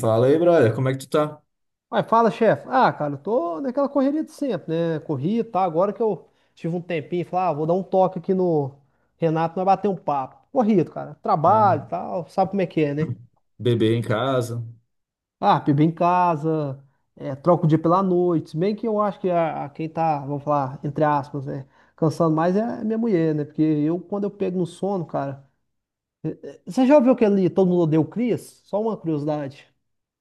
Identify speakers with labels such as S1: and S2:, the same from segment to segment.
S1: Fala aí, brother, como é que tu tá?
S2: Mas fala, chefe. Ah, cara, eu tô naquela correria de sempre, né? Corri, tá? Agora que eu tive um tempinho, falei, ah, vou dar um toque aqui no Renato, nós bater um papo. Corrido, cara. Trabalho e
S1: É.
S2: tal, sabe como é que é, né?
S1: Bebê em casa.
S2: Ah, bebê em casa, é, troca o dia pela noite. Se bem que eu acho que a quem tá, vamos falar, entre aspas, né? Cansando mais é a minha mulher, né? Porque eu, quando eu pego no sono, cara. Você já ouviu aquele Todo Mundo Odeia o Chris? Só uma curiosidade.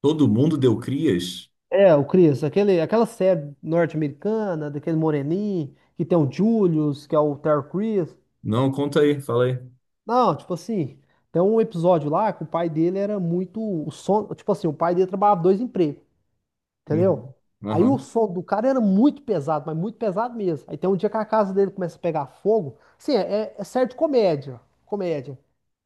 S1: Todo mundo deu crias?
S2: É, o Chris, aquele, aquela série norte-americana, daquele moreninho, que tem o Julius, que é o Terry Crews.
S1: Não, conta aí, fala aí.
S2: Não, tipo assim, tem um episódio lá que o pai dele era muito. Tipo assim, o pai dele trabalhava dois empregos. Entendeu?
S1: Uhum.
S2: Aí o
S1: Aham.
S2: som do cara era muito pesado, mas muito pesado mesmo. Aí tem um dia que a casa dele começa a pegar fogo. Sim, é certo comédia. Comédia.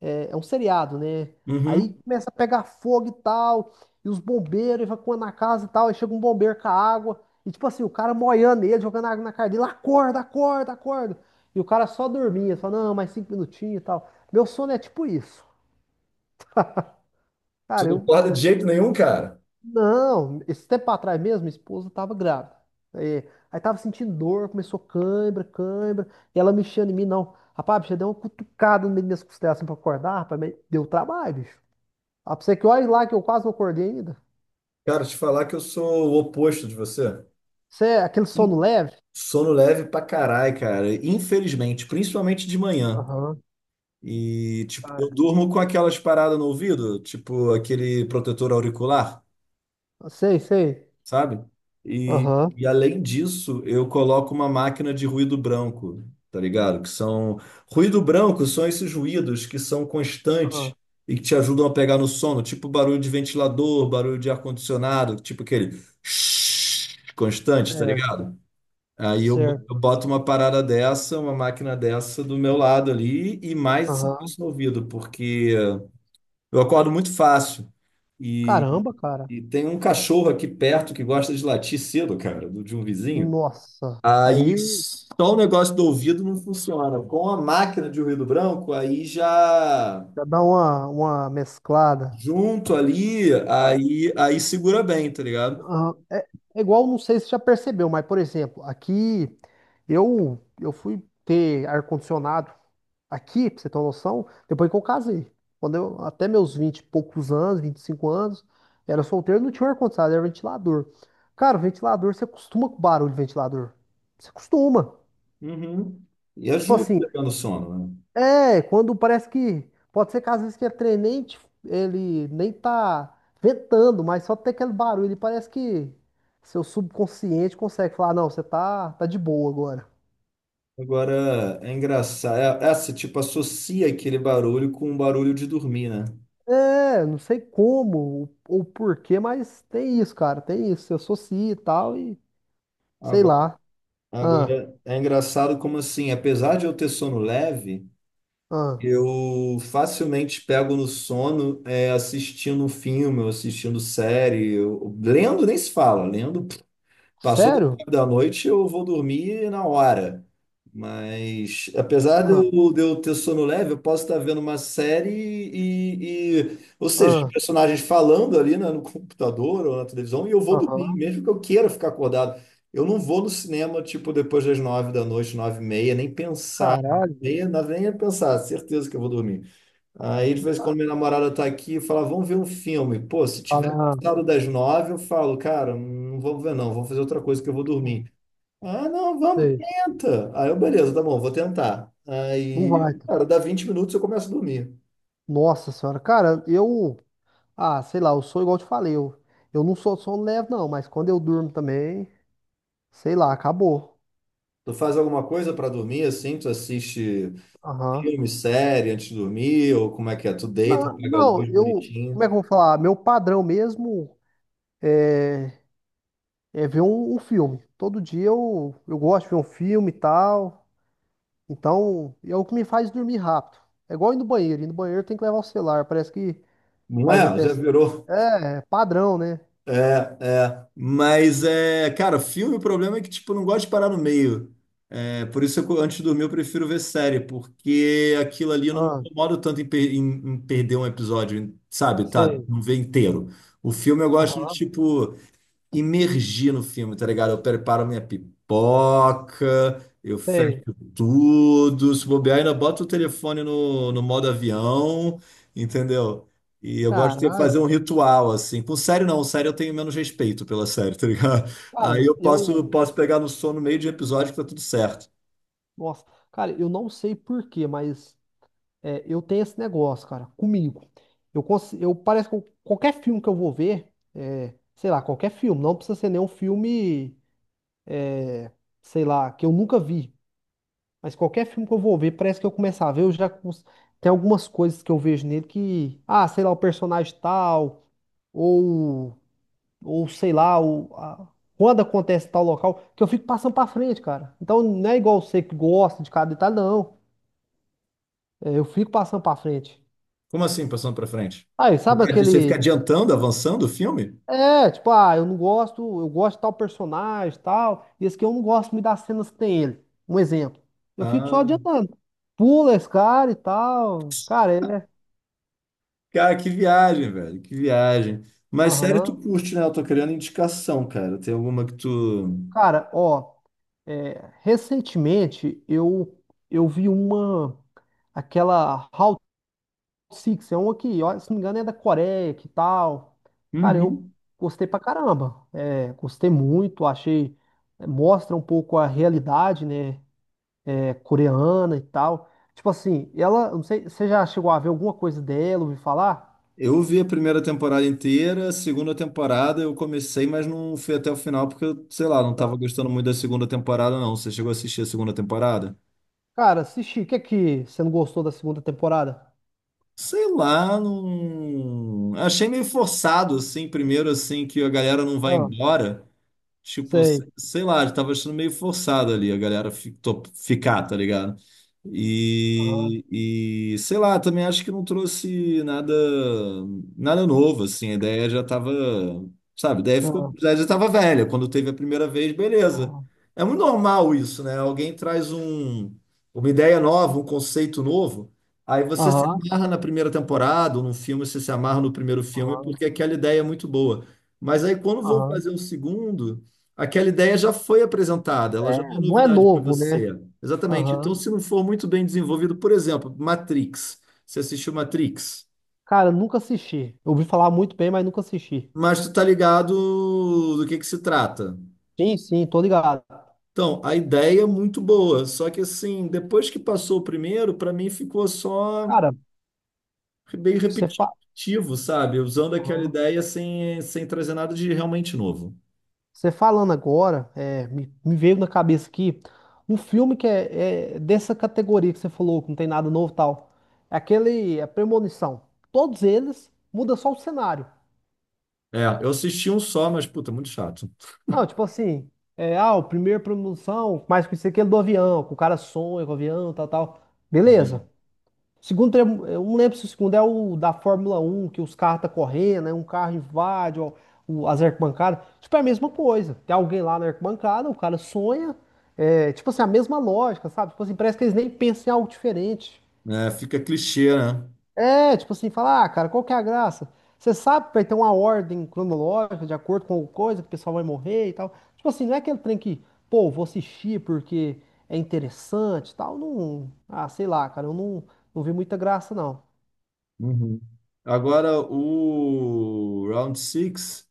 S2: É um seriado, né? Aí
S1: Uhum.
S2: começa a pegar fogo e tal. E os bombeiros evacuando a casa e tal. Aí chega um bombeiro com a água. E tipo assim, o cara moiando ele, jogando água na cara dele. Acorda, acorda, acorda. E o cara só dormia. Só, não, mais 5 minutinhos e tal. Meu sono é tipo isso.
S1: Você
S2: Cara,
S1: não
S2: eu.
S1: acorda de jeito nenhum, cara?
S2: Não, esse tempo atrás mesmo, minha esposa tava grávida. É, aí tava sentindo dor, começou cãibra, cãibra, e ela mexendo em mim, não. Rapaz, bicho, eu dei uma cutucada no meio das costelas assim pra acordar, rapaz, mas deu trabalho, bicho. Ah, pra você que olha lá que eu quase não acordei ainda.
S1: Cara, te falar que eu sou o oposto de você.
S2: Você é aquele sono leve?
S1: Sono leve pra caralho, cara. Infelizmente, principalmente de manhã.
S2: Aham.
S1: E, tipo,
S2: Ah,
S1: eu durmo com aquelas paradas no ouvido, tipo aquele protetor auricular.
S2: sei, sei.
S1: Sabe? E,
S2: Aham.
S1: e além disso, eu coloco uma máquina de ruído branco, tá ligado? Que são. Ruído branco são esses ruídos que são constantes
S2: Ah,
S1: e que te ajudam a pegar no sono, tipo barulho de ventilador, barulho de ar-condicionado, tipo aquele constante, tá
S2: certo.
S1: ligado? Aí eu bo-
S2: Certo.
S1: eu boto uma parada dessa, uma máquina dessa do meu lado ali e mais
S2: Aham.
S1: isso no ouvido, porque eu acordo muito fácil. E,
S2: Caramba, cara.
S1: e tem um cachorro aqui perto que gosta de latir cedo, cara, de um vizinho.
S2: Nossa.
S1: Aí
S2: Aí
S1: só o negócio do ouvido não funciona. Com a máquina de ruído branco, aí já
S2: já dá uma mesclada.
S1: junto ali, aí, aí segura bem, tá ligado?
S2: Ah, é, igual, não sei se você já percebeu, mas, por exemplo, aqui eu fui ter ar-condicionado aqui, pra você ter uma noção, depois que eu casei. Quando eu, até meus 20 e poucos anos, 25 anos, era solteiro, não tinha um ar-condicionado, era ventilador. Cara, ventilador, você acostuma com o barulho de ventilador. Você acostuma.
S1: Uhum. E
S2: Tipo
S1: ajuda
S2: assim,
S1: pegando sono, né?
S2: é, quando parece que. Pode ser que às vezes que ele trem nem, ele nem tá ventando, mas só tem aquele barulho. Ele parece que seu subconsciente consegue falar: não, você tá de boa agora.
S1: Agora é engraçado. Você tipo associa aquele barulho com o barulho de dormir, né?
S2: É, não sei como ou porquê, mas tem isso, cara. Tem isso. Se associa e tal, e sei
S1: Agora,
S2: lá. Ah,
S1: agora é engraçado como assim, apesar de eu ter sono leve.
S2: ah.
S1: Eu facilmente pego no sono é, assistindo um filme, ou assistindo série, lendo nem se fala, lendo. Passou das
S2: Sério?
S1: 9 da noite, eu vou dormir na hora. Mas, apesar de
S2: Ah,
S1: eu, de eu ter sono leve, eu posso estar vendo uma série ou seja, os
S2: ah,
S1: personagens falando ali, né, no computador ou na televisão, e eu vou dormir,
S2: aham.
S1: mesmo que eu queira ficar acordado. Eu não vou no cinema, tipo, depois das 9 da noite, 9h30, nem pensar,
S2: Caralho,
S1: nem
S2: bicho.
S1: nem pensar, certeza que eu vou dormir. Aí, de vez em quando,
S2: Tá.
S1: minha namorada tá aqui e fala, vamos ver um filme. Pô, se
S2: Fala,
S1: tiver
S2: ah,
S1: passado das 9, eu falo, cara, não vamos ver não, vamos fazer outra coisa que eu vou
S2: hum,
S1: dormir. Ah, não, vamos,
S2: sei.
S1: tenta. Aí eu, beleza, tá bom, vou tentar.
S2: Não
S1: Aí,
S2: vai. Tá.
S1: cara, dá 20 minutos eu começo a dormir.
S2: Nossa senhora, cara, eu. Ah, sei lá, eu sou igual eu te falei, eu não sou sono leve não, mas quando eu durmo também, sei lá, acabou.
S1: Tu faz alguma coisa pra dormir, assim? Tu assiste
S2: Aham.
S1: filme, série antes de dormir? Ou como é que é? Tu deita,
S2: Não,
S1: pega a
S2: não,
S1: luz
S2: eu, como é
S1: bonitinho.
S2: que eu vou falar? Meu padrão mesmo é ver um filme. Todo dia eu gosto de ver um filme e tal, então é o que me faz dormir rápido. É igual ir no banheiro tem que levar o celular, parece que
S1: Não
S2: faz
S1: é?
S2: até...
S1: Já virou.
S2: É, padrão, né?
S1: É, é. Mas é, cara, filme, o problema é que, tipo, eu não gosto de parar no meio. É, por isso, eu, antes de dormir, eu prefiro ver série, porque aquilo ali eu não me
S2: Ah,
S1: incomodo tanto em perder um episódio, sabe? Tá,
S2: sei.
S1: não ver inteiro. O filme eu gosto de,
S2: Aham,
S1: tipo, imergir no filme, tá ligado? Eu preparo minha pipoca, eu fecho
S2: sei.
S1: tudo, se bobear, ainda boto o telefone no, no modo avião, entendeu? E eu gosto de
S2: Caralho,
S1: fazer um
S2: bicho.
S1: ritual, assim. Com série, não. Série eu tenho menos respeito pela série, tá ligado? Aí
S2: Cara,
S1: eu posso,
S2: eu...
S1: posso pegar no sono no meio de episódio que tá tudo certo.
S2: Nossa, cara, eu não sei por quê, mas é, eu tenho esse negócio, cara, comigo. Eu, cons- eu parece que qualquer filme que eu vou ver, é, sei lá, qualquer filme, não precisa ser nenhum filme, sei lá, que eu nunca vi, mas qualquer filme que eu vou ver, parece que eu começar a ver, tem algumas coisas que eu vejo nele que, ah, sei lá, o personagem tal, ou, ou sei lá, quando acontece tal local, que eu fico passando pra frente, cara. Então não é igual você que gosta de cada detalhe, não. É, eu fico passando pra frente.
S1: Como assim, passando pra frente?
S2: Aí, sabe
S1: Você fica
S2: aquele.
S1: adiantando, avançando o filme?
S2: É, tipo, ah, eu não gosto, eu gosto de tal personagem, tal, e esse aqui eu não gosto me das cenas que tem ele. Um exemplo. Eu fico só
S1: Ah.
S2: adiantando. Pula esse cara e tal. Cara, é.
S1: Cara, que viagem, velho, que viagem. Mas sério, tu
S2: Aham.
S1: curte, né? Eu tô querendo indicação, cara. Tem alguma que tu.
S2: Cara, ó, é, recentemente eu vi uma. Aquela Route Six é uma que, ó, se não me engano, é da Coreia, que tal. Cara, eu
S1: Uhum.
S2: gostei pra caramba. É, gostei muito, achei. Mostra um pouco a realidade, né? Coreana e tal. Tipo assim, ela, eu não sei, você já chegou a ver alguma coisa dela, ouviu falar?
S1: Eu vi a primeira temporada inteira, a segunda temporada eu comecei, mas não fui até o final porque, eu, sei lá, não tava
S2: Tá.
S1: gostando muito da segunda temporada, não. Você chegou a assistir a segunda temporada?
S2: Cara, assisti, o que é que você não gostou da segunda temporada?
S1: Sei lá, não. Achei meio forçado, assim, primeiro, assim, que a galera não vai
S2: Ah,
S1: embora. Tipo,
S2: sei.
S1: sei lá, eu tava achando meio forçado ali a galera ficar, tá ligado?
S2: Aham,
S1: E, e sei lá, também acho que não trouxe nada novo, assim, a ideia já tava, sabe, a ideia ficou,
S2: aham,
S1: já tava velha, quando teve a primeira vez, beleza. É muito normal isso, né? Alguém traz um, uma ideia nova, um conceito novo, aí você se
S2: aham, aham,
S1: amarra na primeira temporada, ou num filme, você se amarra no primeiro filme,
S2: aham,
S1: porque aquela ideia é muito boa. Mas aí quando vão
S2: aham.
S1: fazer o segundo. Aquela ideia já foi apresentada, ela já
S2: É,
S1: não é
S2: não é
S1: novidade para
S2: novo, né?
S1: você. Exatamente. Então,
S2: Aham.
S1: se não for muito bem desenvolvido, por exemplo, Matrix. Você assistiu Matrix,
S2: Cara, nunca assisti. Eu ouvi falar muito bem, mas nunca assisti.
S1: mas tu tá ligado do que se trata.
S2: Sim, sim, tô ligado.
S1: Então, a ideia é muito boa, só que assim, depois que passou o primeiro, para mim ficou só
S2: Cara,
S1: bem
S2: você fala.
S1: repetitivo, sabe? Usando aquela ideia sem, sem trazer nada de realmente novo.
S2: Você falando agora, é, me veio na cabeça aqui um filme que é dessa categoria que você falou, que não tem nada novo e tal. É aquele, a Premonição. Todos eles muda só o cenário.
S1: É, eu assisti um só, mas puta, muito chato.
S2: Não, tipo assim, é, ah, o primeiro Premonição, mais conhecido que aquele do avião, que o cara sonha com o avião, tal, tal. Beleza. Segundo, eu não lembro se o segundo é o da Fórmula 1 que os carros tá correndo, né? Um carro invade ó, as arquibancadas. Tipo, é a mesma coisa. Tem alguém lá na arquibancada, o cara sonha. É, tipo assim, a mesma lógica, sabe? Tipo assim, parece que eles nem pensam em algo diferente.
S1: É, fica clichê, né?
S2: É, tipo assim, falar, ah, cara, qual que é a graça? Você sabe que vai ter uma ordem cronológica de acordo com coisa que o pessoal vai morrer e tal. Tipo assim, não é aquele trem que, pô, vou assistir porque é interessante e tal. Não, ah, sei lá, cara, eu não vi muita graça, não.
S1: Uhum. Agora, o Round Six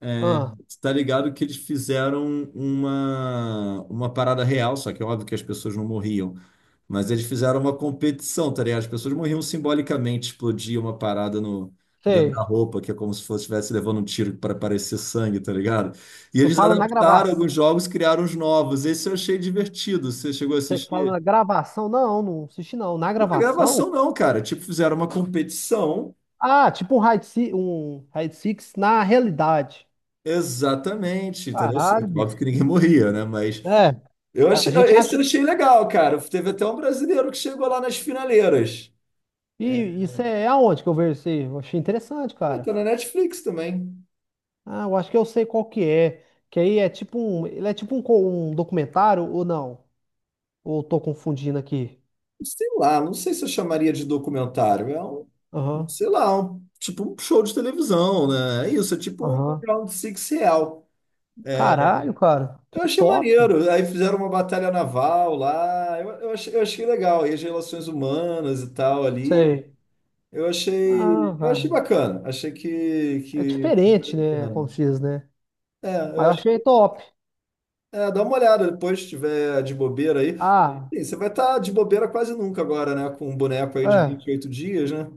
S1: é,
S2: Ah.
S1: tá ligado que eles fizeram uma parada real, só que é óbvio que as pessoas não morriam, mas eles fizeram uma competição, tá ligado? As pessoas morriam simbolicamente, explodia uma parada no, dentro da
S2: Sei.
S1: roupa, que é como se fosse estivesse levando um tiro para parecer sangue, tá ligado? E
S2: Você
S1: eles
S2: fala na
S1: adaptaram
S2: gravação.
S1: alguns jogos, criaram os novos. Esse eu achei divertido. Você chegou a
S2: Você que fala
S1: assistir?
S2: na gravação? Não, não assisti não. Na
S1: Não é
S2: gravação?
S1: gravação, não, cara. Tipo, fizeram uma competição.
S2: Ah, tipo um Raid Six na realidade.
S1: Exatamente, entendeu?
S2: Caralho,
S1: Sim, óbvio
S2: bicho.
S1: que ninguém morria, né? Mas
S2: É,
S1: eu
S2: a
S1: achei, ah,
S2: gente
S1: esse eu
S2: acha.
S1: achei legal, cara. Teve até um brasileiro que chegou lá nas finaleiras. É,
S2: E isso é aonde que eu vejo isso aí? Eu achei interessante,
S1: tá
S2: cara.
S1: na Netflix também.
S2: Ah, eu acho que eu sei qual que é. Que aí é tipo um. Ele é tipo um, um documentário ou não? Ou eu tô confundindo aqui?
S1: Sei lá, não sei se eu chamaria de documentário. É um,
S2: Aham,
S1: sei lá, tipo um show de televisão, né? É isso, é tipo um
S2: aham.
S1: Round Six real. É,
S2: Caralho, cara.
S1: eu
S2: Que
S1: achei
S2: top.
S1: maneiro. Aí fizeram uma batalha naval lá. Eu achei legal. E as relações humanas e tal ali.
S2: Sei. Ah,
S1: Eu achei
S2: cara.
S1: bacana. Achei
S2: É
S1: que.
S2: diferente, né? Como
S1: É,
S2: se diz, né?
S1: eu
S2: Mas eu
S1: acho
S2: achei
S1: que.
S2: top.
S1: É, dá uma olhada depois, se tiver de bobeira aí.
S2: Ah,
S1: Sim, você vai estar de bobeira quase nunca agora, né? Com um boneco aí de vinte e
S2: é.
S1: oito dias, né?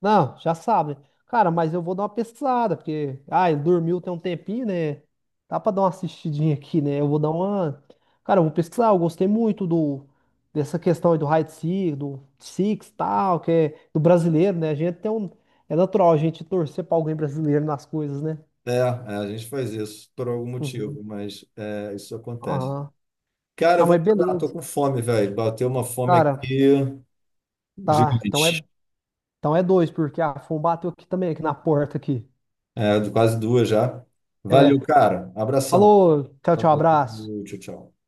S2: Não, já sabe. Né? Cara, mas eu vou dar uma pesquisada, porque. Ah, ele dormiu tem um tempinho, né? Dá pra dar uma assistidinha aqui, né? Eu vou dar uma. Cara, eu vou pesquisar. Eu gostei muito do dessa questão aí do hide seek, do Six e tal, que é do brasileiro, né? A gente tem um. É natural a gente torcer pra alguém brasileiro nas coisas, né?
S1: É, é, a gente faz isso por algum motivo,
S2: Uhum.
S1: mas é, isso acontece.
S2: Aham.
S1: Cara, eu
S2: Não,
S1: vou
S2: mas
S1: mandar, tô
S2: beleza.
S1: com fome, velho. Bateu uma fome
S2: Cara,
S1: aqui
S2: tá. Então
S1: gigante.
S2: é, então é dois, porque a Fon bateu aqui também, aqui na porta aqui.
S1: É, quase 2 já. Valeu,
S2: É.
S1: cara. Abração.
S2: Falou, tchau, tchau,
S1: Falou,
S2: abraço.
S1: tchau, tchau.